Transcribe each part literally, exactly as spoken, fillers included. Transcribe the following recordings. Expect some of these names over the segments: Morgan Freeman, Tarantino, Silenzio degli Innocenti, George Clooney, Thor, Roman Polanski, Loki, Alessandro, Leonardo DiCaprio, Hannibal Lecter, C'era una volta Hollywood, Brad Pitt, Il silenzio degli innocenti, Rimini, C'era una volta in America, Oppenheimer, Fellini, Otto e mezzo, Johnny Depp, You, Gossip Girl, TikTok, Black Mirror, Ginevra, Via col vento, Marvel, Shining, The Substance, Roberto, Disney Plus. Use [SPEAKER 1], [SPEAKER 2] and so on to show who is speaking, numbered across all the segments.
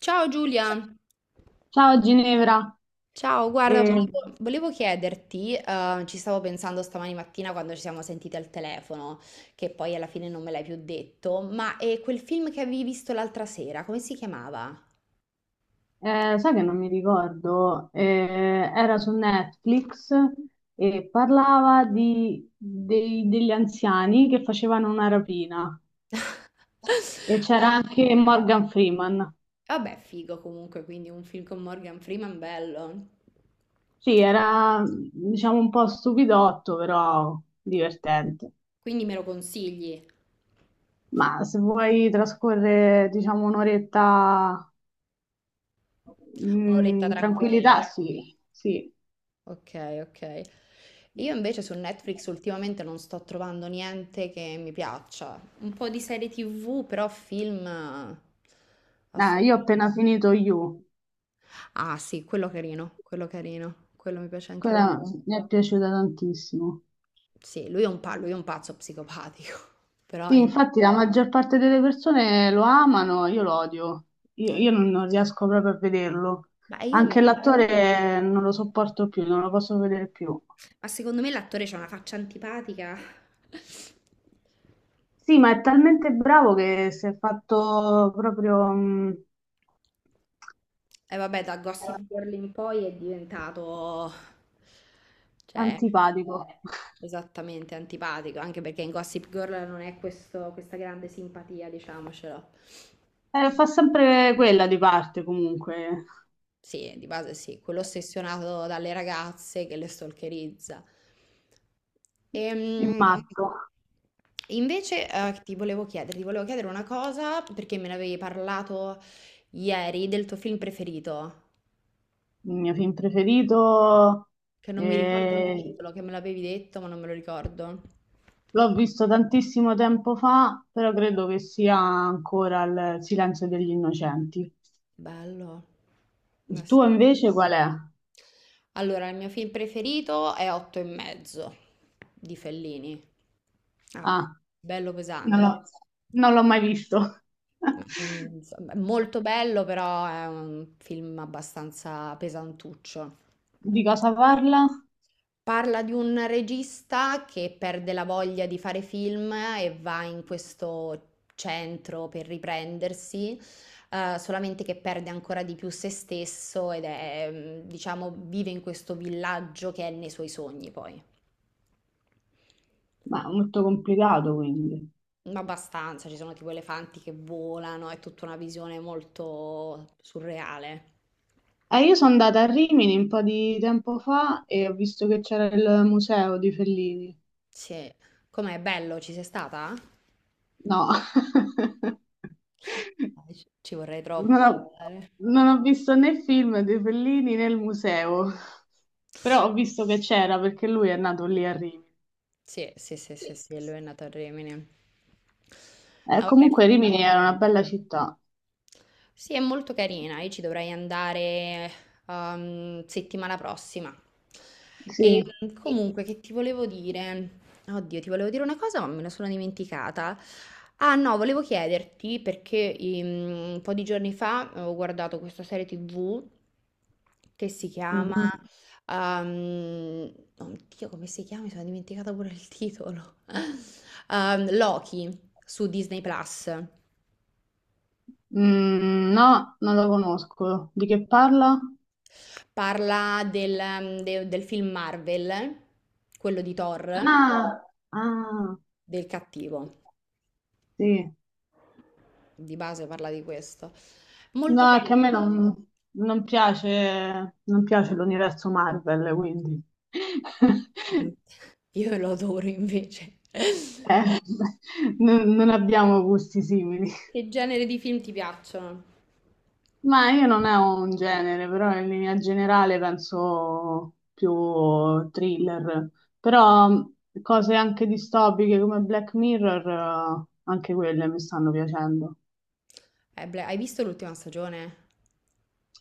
[SPEAKER 1] Ciao Giulia,
[SPEAKER 2] Ciao Ginevra.
[SPEAKER 1] ciao, guarda,
[SPEAKER 2] Ciao.
[SPEAKER 1] volevo, volevo chiederti, eh, ci stavo pensando stamani mattina quando ci siamo sentite al telefono, che poi alla fine non me l'hai più detto, ma è quel film che avevi visto l'altra sera, come si chiamava?
[SPEAKER 2] Eh, eh, sai che non mi ricordo, eh, era su Netflix e parlava di- dei- degli anziani che facevano una rapina e c'era anche Morgan Freeman.
[SPEAKER 1] Vabbè, figo comunque, quindi un film con Morgan Freeman bello,
[SPEAKER 2] Sì, era diciamo un po' stupidotto, però divertente.
[SPEAKER 1] quindi me lo consigli,
[SPEAKER 2] Ma se vuoi trascorrere diciamo un'oretta mm,
[SPEAKER 1] un'oretta
[SPEAKER 2] in
[SPEAKER 1] tranquilla.
[SPEAKER 2] tranquillità, sì, sì.
[SPEAKER 1] Ok, ok. Io invece su Netflix ultimamente non sto trovando niente che mi piaccia. Un po' di serie ti vu, però film eh,
[SPEAKER 2] Ah, io ho
[SPEAKER 1] assolutamente.
[SPEAKER 2] appena finito You,
[SPEAKER 1] Ah, sì, quello carino, quello carino, quello mi piace anche a me.
[SPEAKER 2] quella mi è piaciuta tantissimo.
[SPEAKER 1] Sì, lui è un, pa- lui è un pazzo psicopatico, però
[SPEAKER 2] Sì,
[SPEAKER 1] è-
[SPEAKER 2] infatti la maggior parte delle persone lo amano, io lo odio, io, io non, non riesco proprio a vederlo.
[SPEAKER 1] Ma io
[SPEAKER 2] Anche
[SPEAKER 1] mi...
[SPEAKER 2] l'attore non lo sopporto più, non lo posso vedere più.
[SPEAKER 1] Ma secondo me l'attore c'ha una faccia antipatica.
[SPEAKER 2] Sì, ma è talmente bravo che si è fatto proprio mh,
[SPEAKER 1] E vabbè, da Gossip Girl in poi è diventato, cioè,
[SPEAKER 2] antipatico.
[SPEAKER 1] esattamente antipatico, anche perché in Gossip Girl non è questo- questa grande simpatia, diciamocelo.
[SPEAKER 2] Eh, fa sempre quella di parte comunque,
[SPEAKER 1] Sì, di base sì, quello ossessionato dalle ragazze che le stalkerizza.
[SPEAKER 2] il
[SPEAKER 1] Ehm,
[SPEAKER 2] matto.
[SPEAKER 1] invece, eh, ti volevo chiedere, ti volevo chiedere una cosa perché me ne avevi parlato ieri del tuo film preferito.
[SPEAKER 2] Il mio film preferito,
[SPEAKER 1] Che non mi ricordo il
[SPEAKER 2] eh,
[SPEAKER 1] titolo, che me l'avevi detto, ma non me lo ricordo.
[SPEAKER 2] l'ho visto tantissimo tempo fa, però credo che sia ancora il Silenzio degli Innocenti.
[SPEAKER 1] Bello. Ma
[SPEAKER 2] Il tuo
[SPEAKER 1] sì.
[SPEAKER 2] invece qual è?
[SPEAKER 1] Allora, il mio film preferito è Otto e mezzo di Fellini. Ah,
[SPEAKER 2] Ah,
[SPEAKER 1] bello
[SPEAKER 2] non
[SPEAKER 1] pesante.
[SPEAKER 2] l'ho non l'ho mai visto.
[SPEAKER 1] Ma non- insomma, è molto bello, però è un film abbastanza pesantuccio.
[SPEAKER 2] Di cosa parla?
[SPEAKER 1] Parla di un regista che perde la voglia di fare film e va in questo centro per riprendersi, eh, solamente che perde ancora di più se stesso ed è, mm, diciamo, vive in questo villaggio che è nei suoi sogni poi.
[SPEAKER 2] Ma è molto complicato, quindi.
[SPEAKER 1] Ma abbastanza, ci sono tipo elefanti che volano, è tutta una visione molto surreale.
[SPEAKER 2] Eh, io sono andata a Rimini un po' di tempo fa e ho visto che c'era il museo di Fellini.
[SPEAKER 1] Sì. Com'è bello, ci sei stata?
[SPEAKER 2] No.
[SPEAKER 1] Dai, Ci ci vorrei troppo
[SPEAKER 2] Non ho,
[SPEAKER 1] andare.
[SPEAKER 2] non ho visto né film di Fellini né il museo, però ho visto che c'era perché lui è nato lì a Rimini.
[SPEAKER 1] Sì, sì, sì, sì, sì, lui è nato a Rimini.
[SPEAKER 2] Eh,
[SPEAKER 1] Ah, vabbè.
[SPEAKER 2] comunque Rimini era una bella città.
[SPEAKER 1] Sì, è molto carina. Io ci dovrei andare ehm, settimana prossima. E
[SPEAKER 2] Sì.
[SPEAKER 1] mm, comunque, che ti volevo dire? Oddio, ti volevo dire una cosa, ma me la sono dimenticata. Ah, no, volevo chiederti perché mm, un po' di giorni fa ho guardato questa serie ti vu che si chiama...
[SPEAKER 2] Mhm.
[SPEAKER 1] ehm, oddio, come si chiama? Mi sono dimenticata pure il titolo. Ehm, Loki su Disney Plus.
[SPEAKER 2] Mm, no, non lo conosco. Di che parla?
[SPEAKER 1] Parla del, ehm, de- del film Marvel, quello di Thor,
[SPEAKER 2] Ah, ah,
[SPEAKER 1] del cattivo.
[SPEAKER 2] sì.
[SPEAKER 1] Di base parla di questo. Molto
[SPEAKER 2] No, è che a
[SPEAKER 1] carino.
[SPEAKER 2] me non, non piace, non piace l'universo Marvel, quindi.
[SPEAKER 1] Io lo adoro invece.
[SPEAKER 2] Eh, non non abbiamo gusti simili.
[SPEAKER 1] Che genere di film ti piacciono?
[SPEAKER 2] Ma io non ho un genere, però in linea generale penso più thriller, però mh, cose anche distopiche come Black Mirror, eh, anche quelle mi stanno piacendo.
[SPEAKER 1] Eh, Bla- hai visto l'ultima stagione?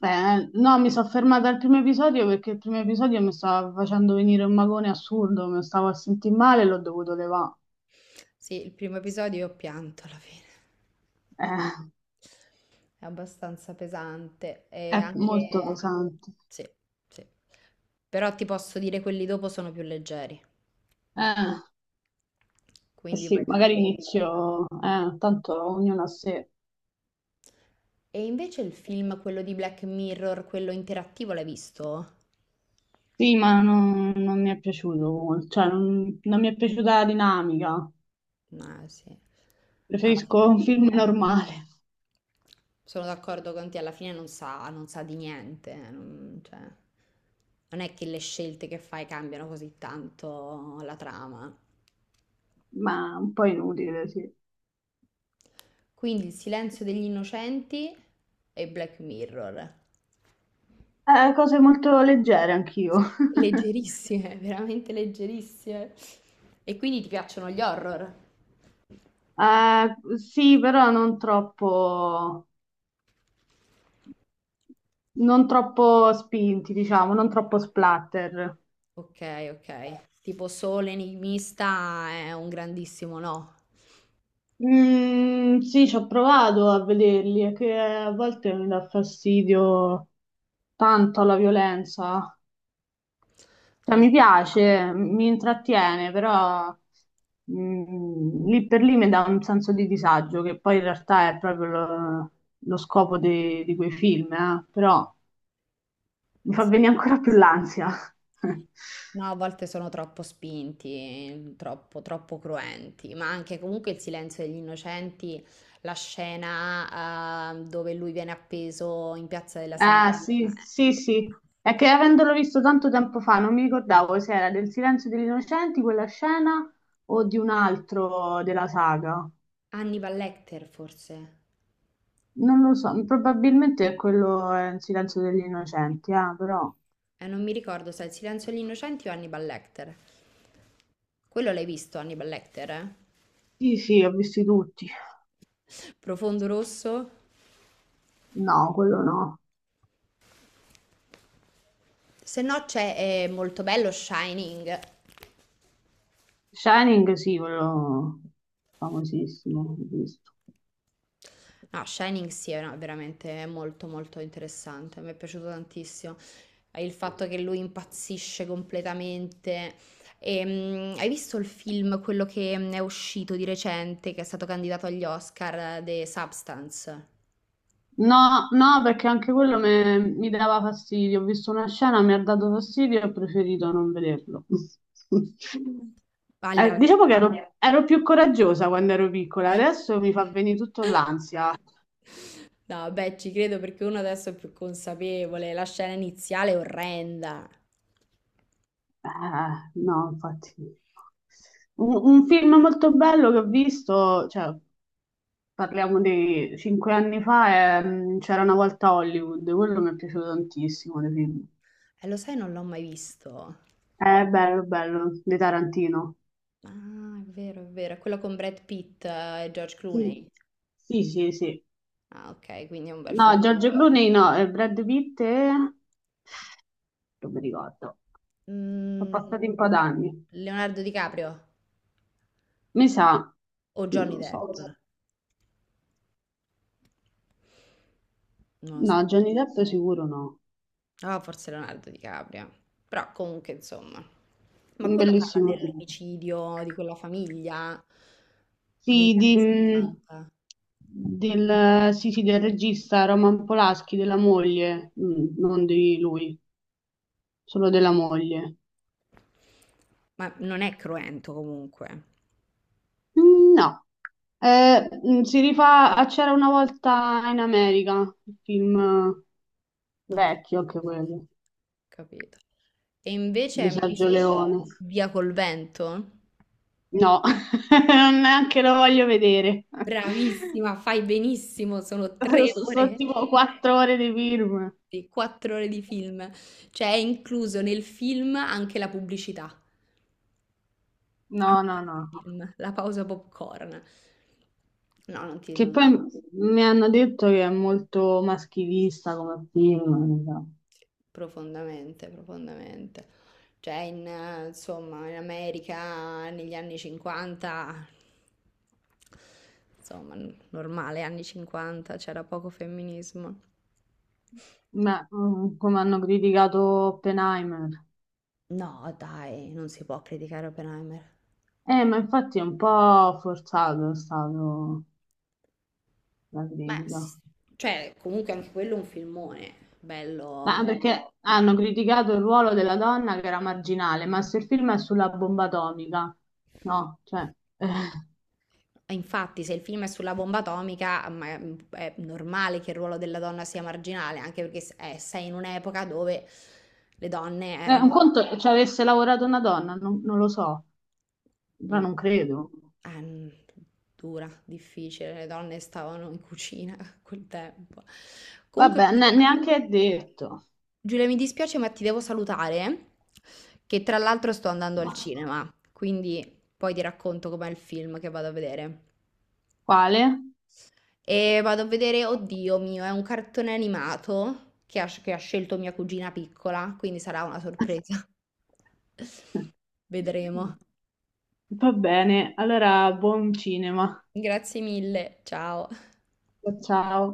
[SPEAKER 2] Eh, no, mi sono fermata al primo episodio perché il primo episodio mi stava facendo venire un magone assurdo, mi stavo a sentire male e l'ho dovuto levare.
[SPEAKER 1] Sì, il primo episodio io ho pianto alla fine.
[SPEAKER 2] Eh,
[SPEAKER 1] È abbastanza pesante e
[SPEAKER 2] è
[SPEAKER 1] anche...
[SPEAKER 2] molto pesante.
[SPEAKER 1] Sì, sì. Però ti posso dire quelli dopo sono più leggeri,
[SPEAKER 2] Eh, eh
[SPEAKER 1] quindi
[SPEAKER 2] sì,
[SPEAKER 1] vai tranquillo.
[SPEAKER 2] magari inizio, eh, tanto ognuno a sé.
[SPEAKER 1] E invece il film, quello di Black Mirror, quello interattivo, l'hai visto?
[SPEAKER 2] Sì, ma non, non mi è piaciuto molto, cioè non, non mi è piaciuta la dinamica.
[SPEAKER 1] No, sì. Alla
[SPEAKER 2] Preferisco
[SPEAKER 1] fine
[SPEAKER 2] un film normale,
[SPEAKER 1] sono d'accordo con te, alla fine non sa, non sa di niente. Non, cioè, non è che le scelte che fai cambiano così tanto la trama.
[SPEAKER 2] ma un po' inutile, sì.
[SPEAKER 1] Quindi Il silenzio degli innocenti e Black Mirror.
[SPEAKER 2] Eh, cose molto leggere anch'io.
[SPEAKER 1] Leggerissime, veramente leggerissime. E quindi ti piacciono gli horror?
[SPEAKER 2] Eh, sì, però non troppo, non troppo spinti, diciamo, non troppo splatter.
[SPEAKER 1] Ok, ok. Tipo solo enigmista è un grandissimo no.
[SPEAKER 2] Mm, sì, ci ho provato a vederli, è che a volte mi dà fastidio tanto la violenza. Cioè,
[SPEAKER 1] Allora,
[SPEAKER 2] mi piace, mi intrattiene, però mm, lì per lì mi dà un senso di disagio, che poi in realtà è proprio lo, lo scopo di, di quei film, eh. Però mi fa
[SPEAKER 1] sì.
[SPEAKER 2] venire ancora più l'ansia.
[SPEAKER 1] No, a volte sono troppo spinti, troppo, troppo cruenti, ma anche comunque il silenzio degli innocenti, la scena eh, dove lui viene appeso in Piazza della
[SPEAKER 2] Ah, sì,
[SPEAKER 1] Signoria.
[SPEAKER 2] sì,
[SPEAKER 1] Ecco.
[SPEAKER 2] sì. È che avendolo visto tanto tempo fa, non mi ricordavo se era del Silenzio degli Innocenti quella scena o di un altro della saga.
[SPEAKER 1] Hannibal Lecter forse.
[SPEAKER 2] Non lo so, probabilmente quello è il Silenzio degli Innocenti, ah, però.
[SPEAKER 1] Eh, non mi ricordo se è il silenzio degli innocenti o Hannibal Lecter. Quello l'hai visto, Hannibal Lecter? Eh?
[SPEAKER 2] Sì, sì, ho visti tutti.
[SPEAKER 1] Profondo rosso?
[SPEAKER 2] No, quello no.
[SPEAKER 1] Se no c'è eh, molto bello Shining.
[SPEAKER 2] Shining sì, quello famosissimo, ho visto.
[SPEAKER 1] No, Shining sì, è una- veramente molto molto interessante, mi è piaciuto tantissimo. Eh, Il fatto che lui impazzisce completamente. E, mm, hai visto il film, quello che mm, è uscito di recente, che è stato candidato agli Oscar, eh, The Substance?
[SPEAKER 2] No, no, perché anche quello me- mi dava fastidio. Ho visto una scena, mi ha dato fastidio e ho preferito non vederlo.
[SPEAKER 1] Agli-
[SPEAKER 2] Eh, diciamo che ero, ero più coraggiosa quando ero piccola, adesso mi fa venire tutto l'ansia.
[SPEAKER 1] No, beh, ci credo perché uno adesso è più consapevole, la scena iniziale è orrenda.
[SPEAKER 2] Ah, no, infatti. Un, un film molto bello che ho visto, cioè, parliamo di cinque anni fa, è, mm, C'era una volta Hollywood, quello mi è piaciuto tantissimo dei film.
[SPEAKER 1] Eh, lo sai, non l'ho mai visto.
[SPEAKER 2] È bello, bello, di Tarantino.
[SPEAKER 1] Ah, è vero, è vero. È quello con Brad Pitt eh, e George
[SPEAKER 2] Sì,
[SPEAKER 1] Clooney.
[SPEAKER 2] sì, sì, sì.
[SPEAKER 1] Ah, ok, quindi è un bel
[SPEAKER 2] No,
[SPEAKER 1] film.
[SPEAKER 2] George Clooney no, e Brad Pitt e non mi ricordo. Sono
[SPEAKER 1] Mm,
[SPEAKER 2] passati un po' d'anni.
[SPEAKER 1] Leonardo DiCaprio
[SPEAKER 2] Mi sa,
[SPEAKER 1] o
[SPEAKER 2] non
[SPEAKER 1] Johnny
[SPEAKER 2] lo
[SPEAKER 1] Depp?
[SPEAKER 2] so.
[SPEAKER 1] Non lo
[SPEAKER 2] No,
[SPEAKER 1] so.
[SPEAKER 2] Johnny Depp sicuro no.
[SPEAKER 1] Ah, forse Leonardo DiCaprio. Però comunque, insomma. Ma
[SPEAKER 2] Un
[SPEAKER 1] quello parla
[SPEAKER 2] bellissimo film.
[SPEAKER 1] dell'omicidio di quella famiglia negli
[SPEAKER 2] Sì,
[SPEAKER 1] anni
[SPEAKER 2] di, mh,
[SPEAKER 1] settanta.
[SPEAKER 2] del, sì, sì, del regista Roman Polanski, della moglie. Mm, non di lui, solo della moglie.
[SPEAKER 1] Ma non è cruento comunque.
[SPEAKER 2] Mm, no. Eh, mm, si rifà a C'era una volta in America, un film
[SPEAKER 1] Ok,
[SPEAKER 2] vecchio
[SPEAKER 1] sì, sì,
[SPEAKER 2] anche
[SPEAKER 1] sì,
[SPEAKER 2] quello,
[SPEAKER 1] capito. E invece
[SPEAKER 2] di
[SPEAKER 1] hai mai
[SPEAKER 2] Sergio
[SPEAKER 1] visto
[SPEAKER 2] Leone.
[SPEAKER 1] Via col vento?
[SPEAKER 2] No, non neanche lo voglio vedere.
[SPEAKER 1] Bravissima, fai benissimo, sono tre
[SPEAKER 2] Sono
[SPEAKER 1] ore,
[SPEAKER 2] tipo quattro ore di film.
[SPEAKER 1] sì, quattro ore di film. Cioè è incluso nel film anche la pubblicità, a
[SPEAKER 2] No, no,
[SPEAKER 1] metà
[SPEAKER 2] no.
[SPEAKER 1] film, la pausa popcorn. No, non ti...
[SPEAKER 2] Che
[SPEAKER 1] non-
[SPEAKER 2] poi m- mi hanno detto che è molto maschilista come film,
[SPEAKER 1] Profondamente, profondamente. Cioè, in, eh, insomma, in America negli anni cinquanta, insomma, n- normale, anni cinquanta, c'era poco femminismo.
[SPEAKER 2] ma mm, come hanno criticato Oppenheimer.
[SPEAKER 1] No, dai, non si può criticare Oppenheimer.
[SPEAKER 2] Eh, ma infatti è un po' forzato è stato la
[SPEAKER 1] Ma,
[SPEAKER 2] critica.
[SPEAKER 1] s- cioè, comunque anche quello è un filmone,
[SPEAKER 2] Ma
[SPEAKER 1] bello.
[SPEAKER 2] perché hanno criticato il ruolo della donna che era marginale, ma se il film è sulla bomba atomica, no, cioè, eh,
[SPEAKER 1] E infatti, se il film è sulla bomba atomica, ma- mm, è normale che il ruolo della donna sia marginale, anche perché s- eh, sei in un'epoca dove le donne
[SPEAKER 2] eh, un
[SPEAKER 1] erano...
[SPEAKER 2] conto ci avesse lavorato una donna, non, non lo so, ma
[SPEAKER 1] Mh.
[SPEAKER 2] non credo.
[SPEAKER 1] Eh, mhmm, dura, difficile, le donne stavano in cucina a quel tempo. Comunque
[SPEAKER 2] Vabbè, ne-
[SPEAKER 1] Giulia, i
[SPEAKER 2] neanche è detto.
[SPEAKER 1] Giulia mi dispiace ma ti devo salutare, che tra l'altro sto andando al cinema, quindi poi ti racconto com'è il film che vado a vedere.
[SPEAKER 2] Quale?
[SPEAKER 1] E vado a vedere oddio mio, è un cartone animato che ha sc che ha scelto mia cugina piccola, quindi sarà una sorpresa. Vedremo.
[SPEAKER 2] Va bene, allora buon cinema.
[SPEAKER 1] Grazie mille, ciao.
[SPEAKER 2] Ciao.